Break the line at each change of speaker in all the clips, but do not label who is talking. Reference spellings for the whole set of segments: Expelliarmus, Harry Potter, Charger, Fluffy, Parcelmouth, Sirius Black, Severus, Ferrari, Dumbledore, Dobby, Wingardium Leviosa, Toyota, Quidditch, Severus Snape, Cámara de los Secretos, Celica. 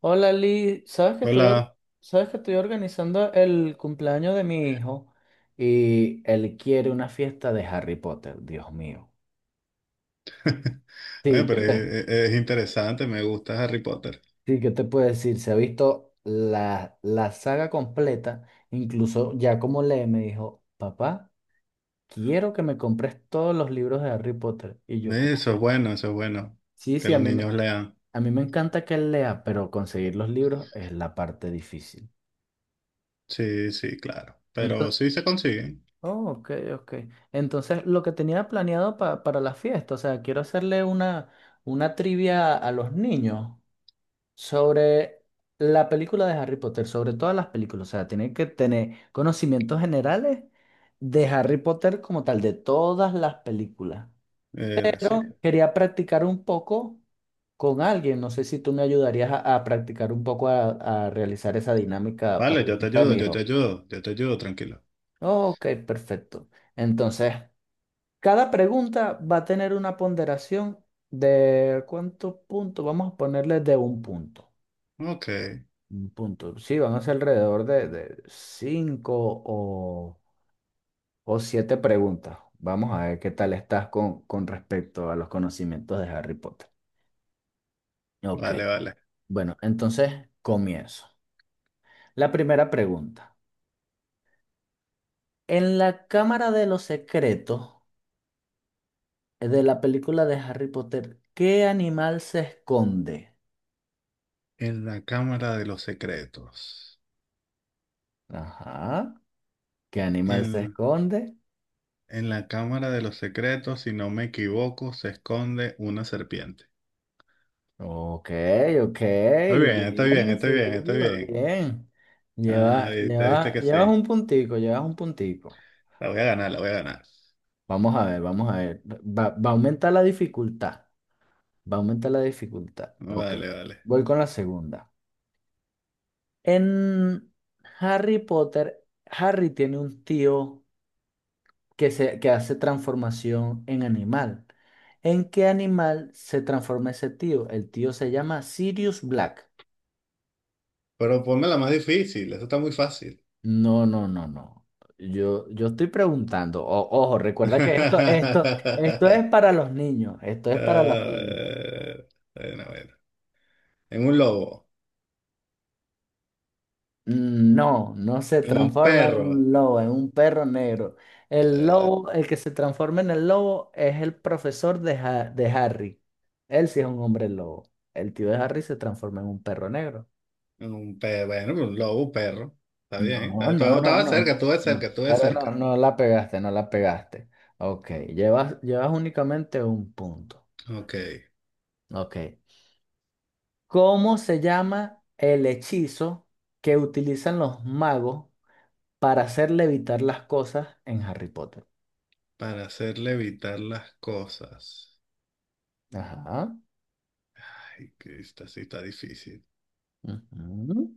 Hola Lee, sabes que estoy,
Hola.
sabes que estoy organizando el cumpleaños de mi hijo y él quiere una fiesta de Harry Potter, Dios mío.
Oye,
Sí, ¿qué
pero
te,
es interesante, me gusta Harry Potter.
sí, ¿qué te puedo decir? Se ha visto la saga completa, incluso ya como lee, me dijo, papá, quiero que me compres todos los libros de Harry Potter. Y yo como
Eso es
que,
bueno, eso es bueno.
sí,
Que
sí,
los niños lean.
a mí me encanta que él lea, pero conseguir los libros es la parte difícil.
Sí, sí, claro. Pero sí se consiguen.
Oh, ok, ok. Entonces, lo que tenía planeado para la fiesta, o sea, quiero hacerle una trivia a los niños sobre la película de Harry Potter, sobre todas las películas. O sea, tienen que tener conocimientos generales de Harry Potter como tal, de todas las películas.
Sí.
Pero quería practicar un poco con alguien. No sé si tú me ayudarías a practicar un poco a realizar esa dinámica para
Vale,
la
yo te
fiesta de
ayudo,
mi
yo te
hijo.
ayudo, yo te ayudo, tranquilo.
Oh, ok, perfecto. Entonces, cada pregunta va a tener una ponderación de cuántos puntos, vamos a ponerle de un punto.
Ok,
Un punto. Sí, van a ser alrededor de cinco o, o siete preguntas. Vamos a ver qué tal estás con respecto a los conocimientos de Harry Potter. Ok,
vale, vale.
bueno, entonces comienzo. La primera pregunta. En la Cámara de los Secretos de la película de Harry Potter, ¿qué animal se esconde?
En la Cámara de los Secretos.
Ajá. ¿Qué animal se
En,
esconde?
en la Cámara de los Secretos, si no me equivoco, se esconde una serpiente.
Ok, ok,
Está bien, está bien,
bien,
está
sí,
bien, está
va
bien.
bien.
Ah, viste, viste que sí.
Llevas un puntico, llevas un puntico.
La voy a ganar, la voy a ganar.
Vamos a ver, vamos a ver. Va a aumentar la dificultad. Va a aumentar la dificultad. Ok.
Vale, vale.
Voy con la segunda. En Harry Potter, Harry tiene un tío que, se, que hace transformación en animal. ¿En qué animal se transforma ese tío? El tío se llama Sirius Black.
Pero ponme la más difícil, eso está muy fácil.
No, no, no, no. Yo estoy preguntando. Ojo, recuerda que esto es para los niños. Esto
Ah.
es para los niños.
Bueno, bueno. En un lobo,
No, no se
en un
transforma en
perro,
un lobo, en un perro negro. El lobo, el que se transforma en el lobo es el profesor de Harry. Él sí es un hombre lobo. El tío de Harry se transforma en un perro negro.
en un perro, bueno, un lobo, un perro. Está bien,
No, no, no,
estaba cerca,
no.
estuve
No.
cerca, estuve
Pero no,
cerca.
no la pegaste, no la pegaste. Ok, llevas únicamente un punto.
Ok,
Ok. ¿Cómo se llama el hechizo que utilizan los magos para hacer levitar las cosas en Harry Potter?
para hacer levitar las cosas.
Ajá.
Ay, que esta sí está difícil.
Ujú.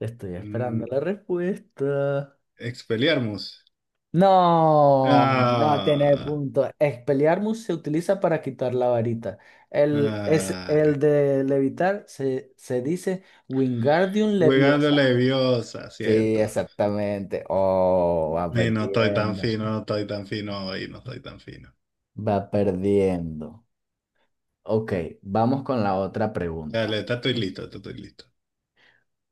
Estoy esperando
Mm,
la respuesta.
Expelliarmus.
No, no tiene
Ah,
punto. Expelliarmus se utiliza para quitar la varita.
ay,
El de levitar se dice Wingardium
Wingardium
Leviosa.
Leviosa,
Sí,
cierto.
exactamente. Oh, va
Y no estoy tan
perdiendo.
fino, no estoy tan fino hoy, no estoy tan fino.
Va perdiendo. Ok, vamos con la otra
Dale,
pregunta.
está estoy listo, está estoy listo.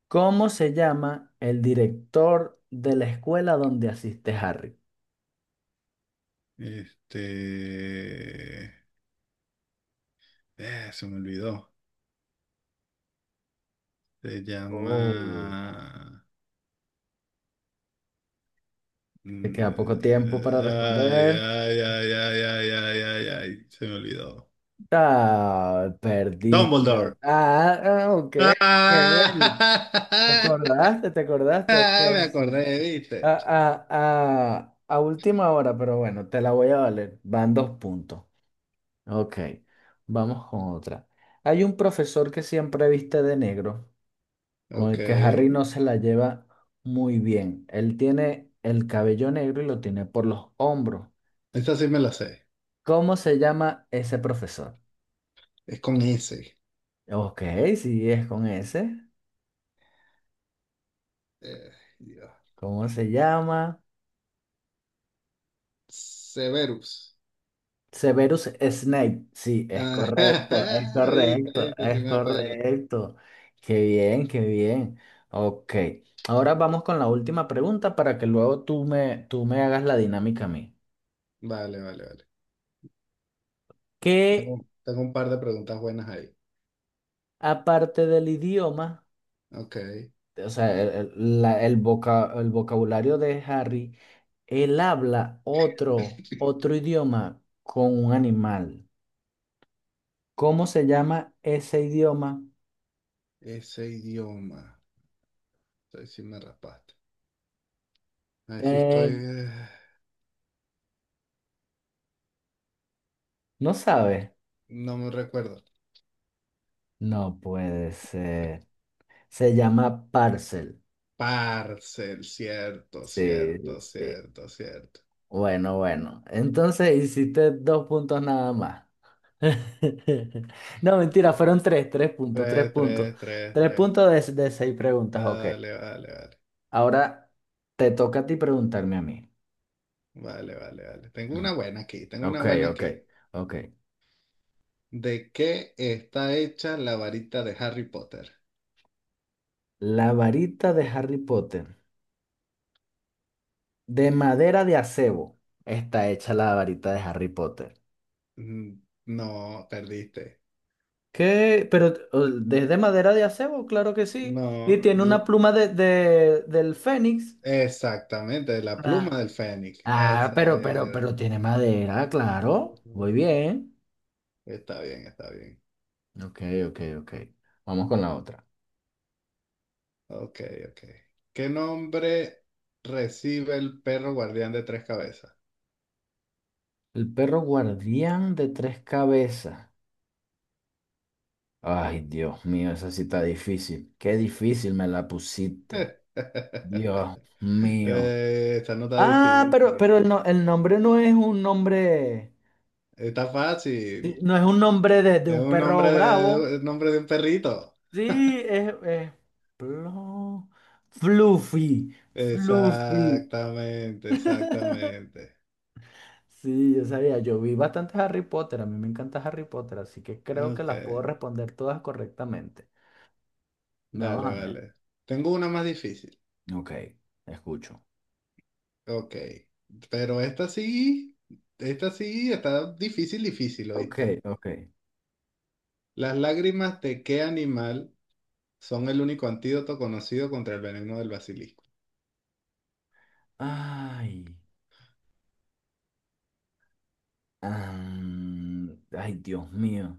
¿Cómo se llama el director de la escuela donde asiste Harry?
Este... se me olvidó. Se
Oh.
llama...
Te queda poco
mm,
tiempo para
ay,
responder.
ay, ay, ay, ay, ay, ay, ay. Se me olvidó.
Ah, perdiste.
Dumbledore.
Ah, ah, ok,
¡Ah!
ok. ¿Te acordaste? ¿Te acordaste? Ok,
Me
sí.
acordé,
Ah,
¿viste?
ah, ah, a última hora, pero bueno, te la voy a valer. Van dos puntos. Ok, vamos con otra. Hay un profesor que siempre viste de negro, con
Ok.
el que Harry no se la lleva muy bien. Él tiene el cabello negro y lo tiene por los hombros.
Esta sí me la sé.
¿Cómo se llama ese profesor?
Es con ese.
Ok, sí, es con ese.
Eh, Dios.
¿Cómo se llama?
Severus.
Severus Snape. Sí, es
Ah,
correcto, es
viste,
correcto,
viste, sí
es
me acuerdo.
correcto. Qué bien, qué bien. Ok, ahora vamos con la última pregunta para que luego tú me hagas la dinámica a mí.
Vale, vale, vale.
¿Qué,
Tengo un par de preguntas buenas ahí.
aparte del idioma,
Ok.
o sea, el vocabulario de Harry, él habla otro idioma con un animal. ¿Cómo se llama ese idioma?
Ese idioma. Ahí sí me raspaste. Ahí sí estoy.
Eh, ¿No sabes?
No me recuerdo.
No puede ser. Se llama parcel.
Parcel, cierto,
Sí,
cierto,
sí.
cierto, cierto.
Bueno, bueno. Entonces hiciste dos puntos nada más. No, mentira, fueron tres, tres puntos, tres
Tres,
puntos.
tres, tres,
Tres
tres.
puntos de seis preguntas, ok.
Vale, vale, vale.
Ahora te toca a ti preguntarme a mí.
Vale, vale, vale. Tengo
Ujú.
una buena aquí, tengo una
Ok,
buena
ok,
aquí.
ok.
¿De qué está hecha la varita de Harry Potter?
La varita de Harry Potter, de madera de acebo, está hecha la varita de Harry Potter.
Mm. No, perdiste.
¿Qué? Pero desde madera de acebo, claro que sí.
No,
Y tiene
l-
una pluma del Fénix.
Exactamente, la
Ah,
pluma del fénix.
ah,
Esa era.
pero tiene madera, claro. Muy bien.
Está bien, está bien.
Ok, ok, ok. Vamos con la otra.
Ok, ok. ¿Qué nombre recibe el perro guardián de tres cabezas?
El perro guardián de tres cabezas. Ay, Dios mío, esa sí está difícil. Qué difícil me la pusiste. Dios mío.
Esta no está
Ah,
difícil.
pero el nombre no es un nombre,
Está
sí,
fácil.
no es un nombre de
Es
un
un
perro
nombre
bravo.
de, el nombre de un perrito.
Sí, es Plo- Fluffy, Fluffy.
Exactamente, exactamente.
Sí, yo sabía, yo vi bastante Harry Potter, a mí me encanta Harry Potter, así que creo que
Ok,
las puedo responder todas correctamente. Vamos
dale,
a ver.
vale. Tengo una más difícil.
Ok, escucho.
Ok. Pero esta sí está difícil, difícil,
Ok,
¿oíste?
ok.
Las lágrimas de qué animal son el único antídoto conocido contra el veneno del basilisco.
Ay, am, ay, Dios mío.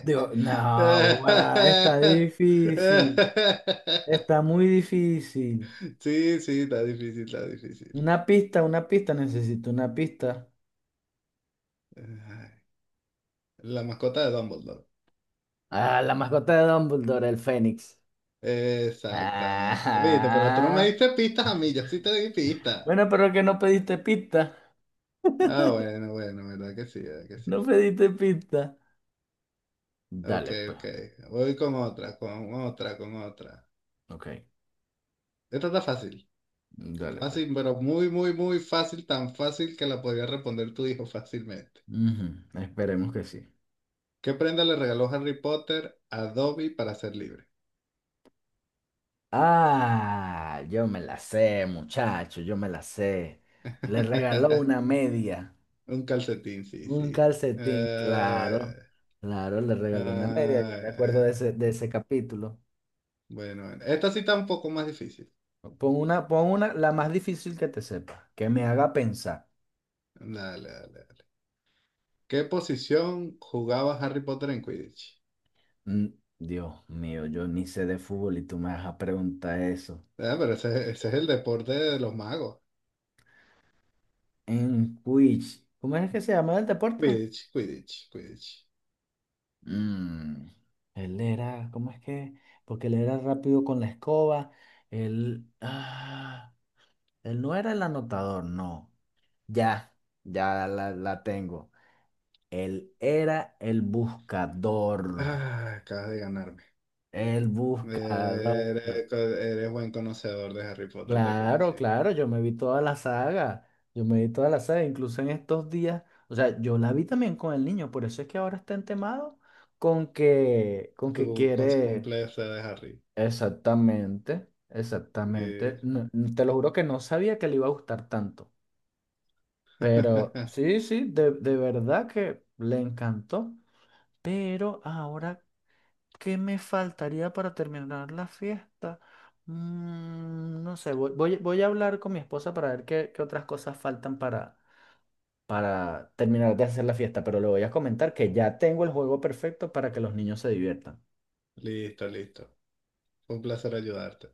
Dios, no, ahora está difícil. Está muy difícil.
Sí, sí, está difícil, está difícil.
Una pista, necesito una pista.
Ay, la mascota de Dumbledore.
Ah, la mascota de Dumbledore, el Fénix.
Exactamente. Viste, pero tú no me
Ah,
diste pistas a mí, yo sí te di pistas.
bueno, pero que no pediste pista.
Ah, bueno, bueno, verdad que sí, verdad que sí.
No pediste pista.
Ok,
Dale, pues.
ok. Voy con otra, con otra, con otra.
Ok,
Esta está fácil.
dale, pues.
Fácil, pero muy, muy, muy fácil. Tan fácil que la podría responder tu hijo fácilmente.
Ujú, esperemos que sí.
¿Qué prenda le regaló Harry Potter a Dobby para ser libre?
Ah, yo me la sé, muchacho, yo me la sé. Le regaló una media,
Un calcetín, sí,
un
sí.
calcetín,
Eh,
claro, claro, le regaló una media. Yo me acuerdo
eh,
de ese capítulo.
bueno, bueno. Esta sí está un poco más difícil.
Pon una, la más difícil que te sepa, que me haga pensar.
Dale, dale, dale. ¿Qué posición jugaba Harry Potter en Quidditch?
Mm, Dios mío, yo ni sé de fútbol y tú me vas a preguntar eso.
Ah, pero ese es el deporte de los magos.
En Quidditch, ¿cómo es que se llama el deporte?
Quidditch, Quidditch, Quidditch.
Mm, él era, ¿cómo es que? Porque él era rápido con la escoba. Él, ah, él no era el anotador, no. Ya, ya la tengo. Él era el buscador.
Ah, acabas de ganarme.
El buscador.
Eres, co- Eres buen conocedor de Harry Potter, te
Claro,
felicito.
claro, yo me vi toda la saga. Yo me vi toda la saga, incluso en estos días. O sea, yo la vi también con el niño, por eso es que ahora está entemado con que
Tu con su
quiere.
cumpleaños de Harry.
Exactamente,
Eh,
exactamente. No, te lo juro que no sabía que le iba a gustar tanto. Pero sí, sí, de verdad que le encantó. Pero ahora, ¿qué me faltaría para terminar la fiesta? Mm, no sé, voy a hablar con mi esposa para ver qué, qué otras cosas faltan para terminar de hacer la fiesta. Pero le voy a comentar que ya tengo el juego perfecto para que los niños se diviertan.
Listo, listo. Fue un placer ayudarte.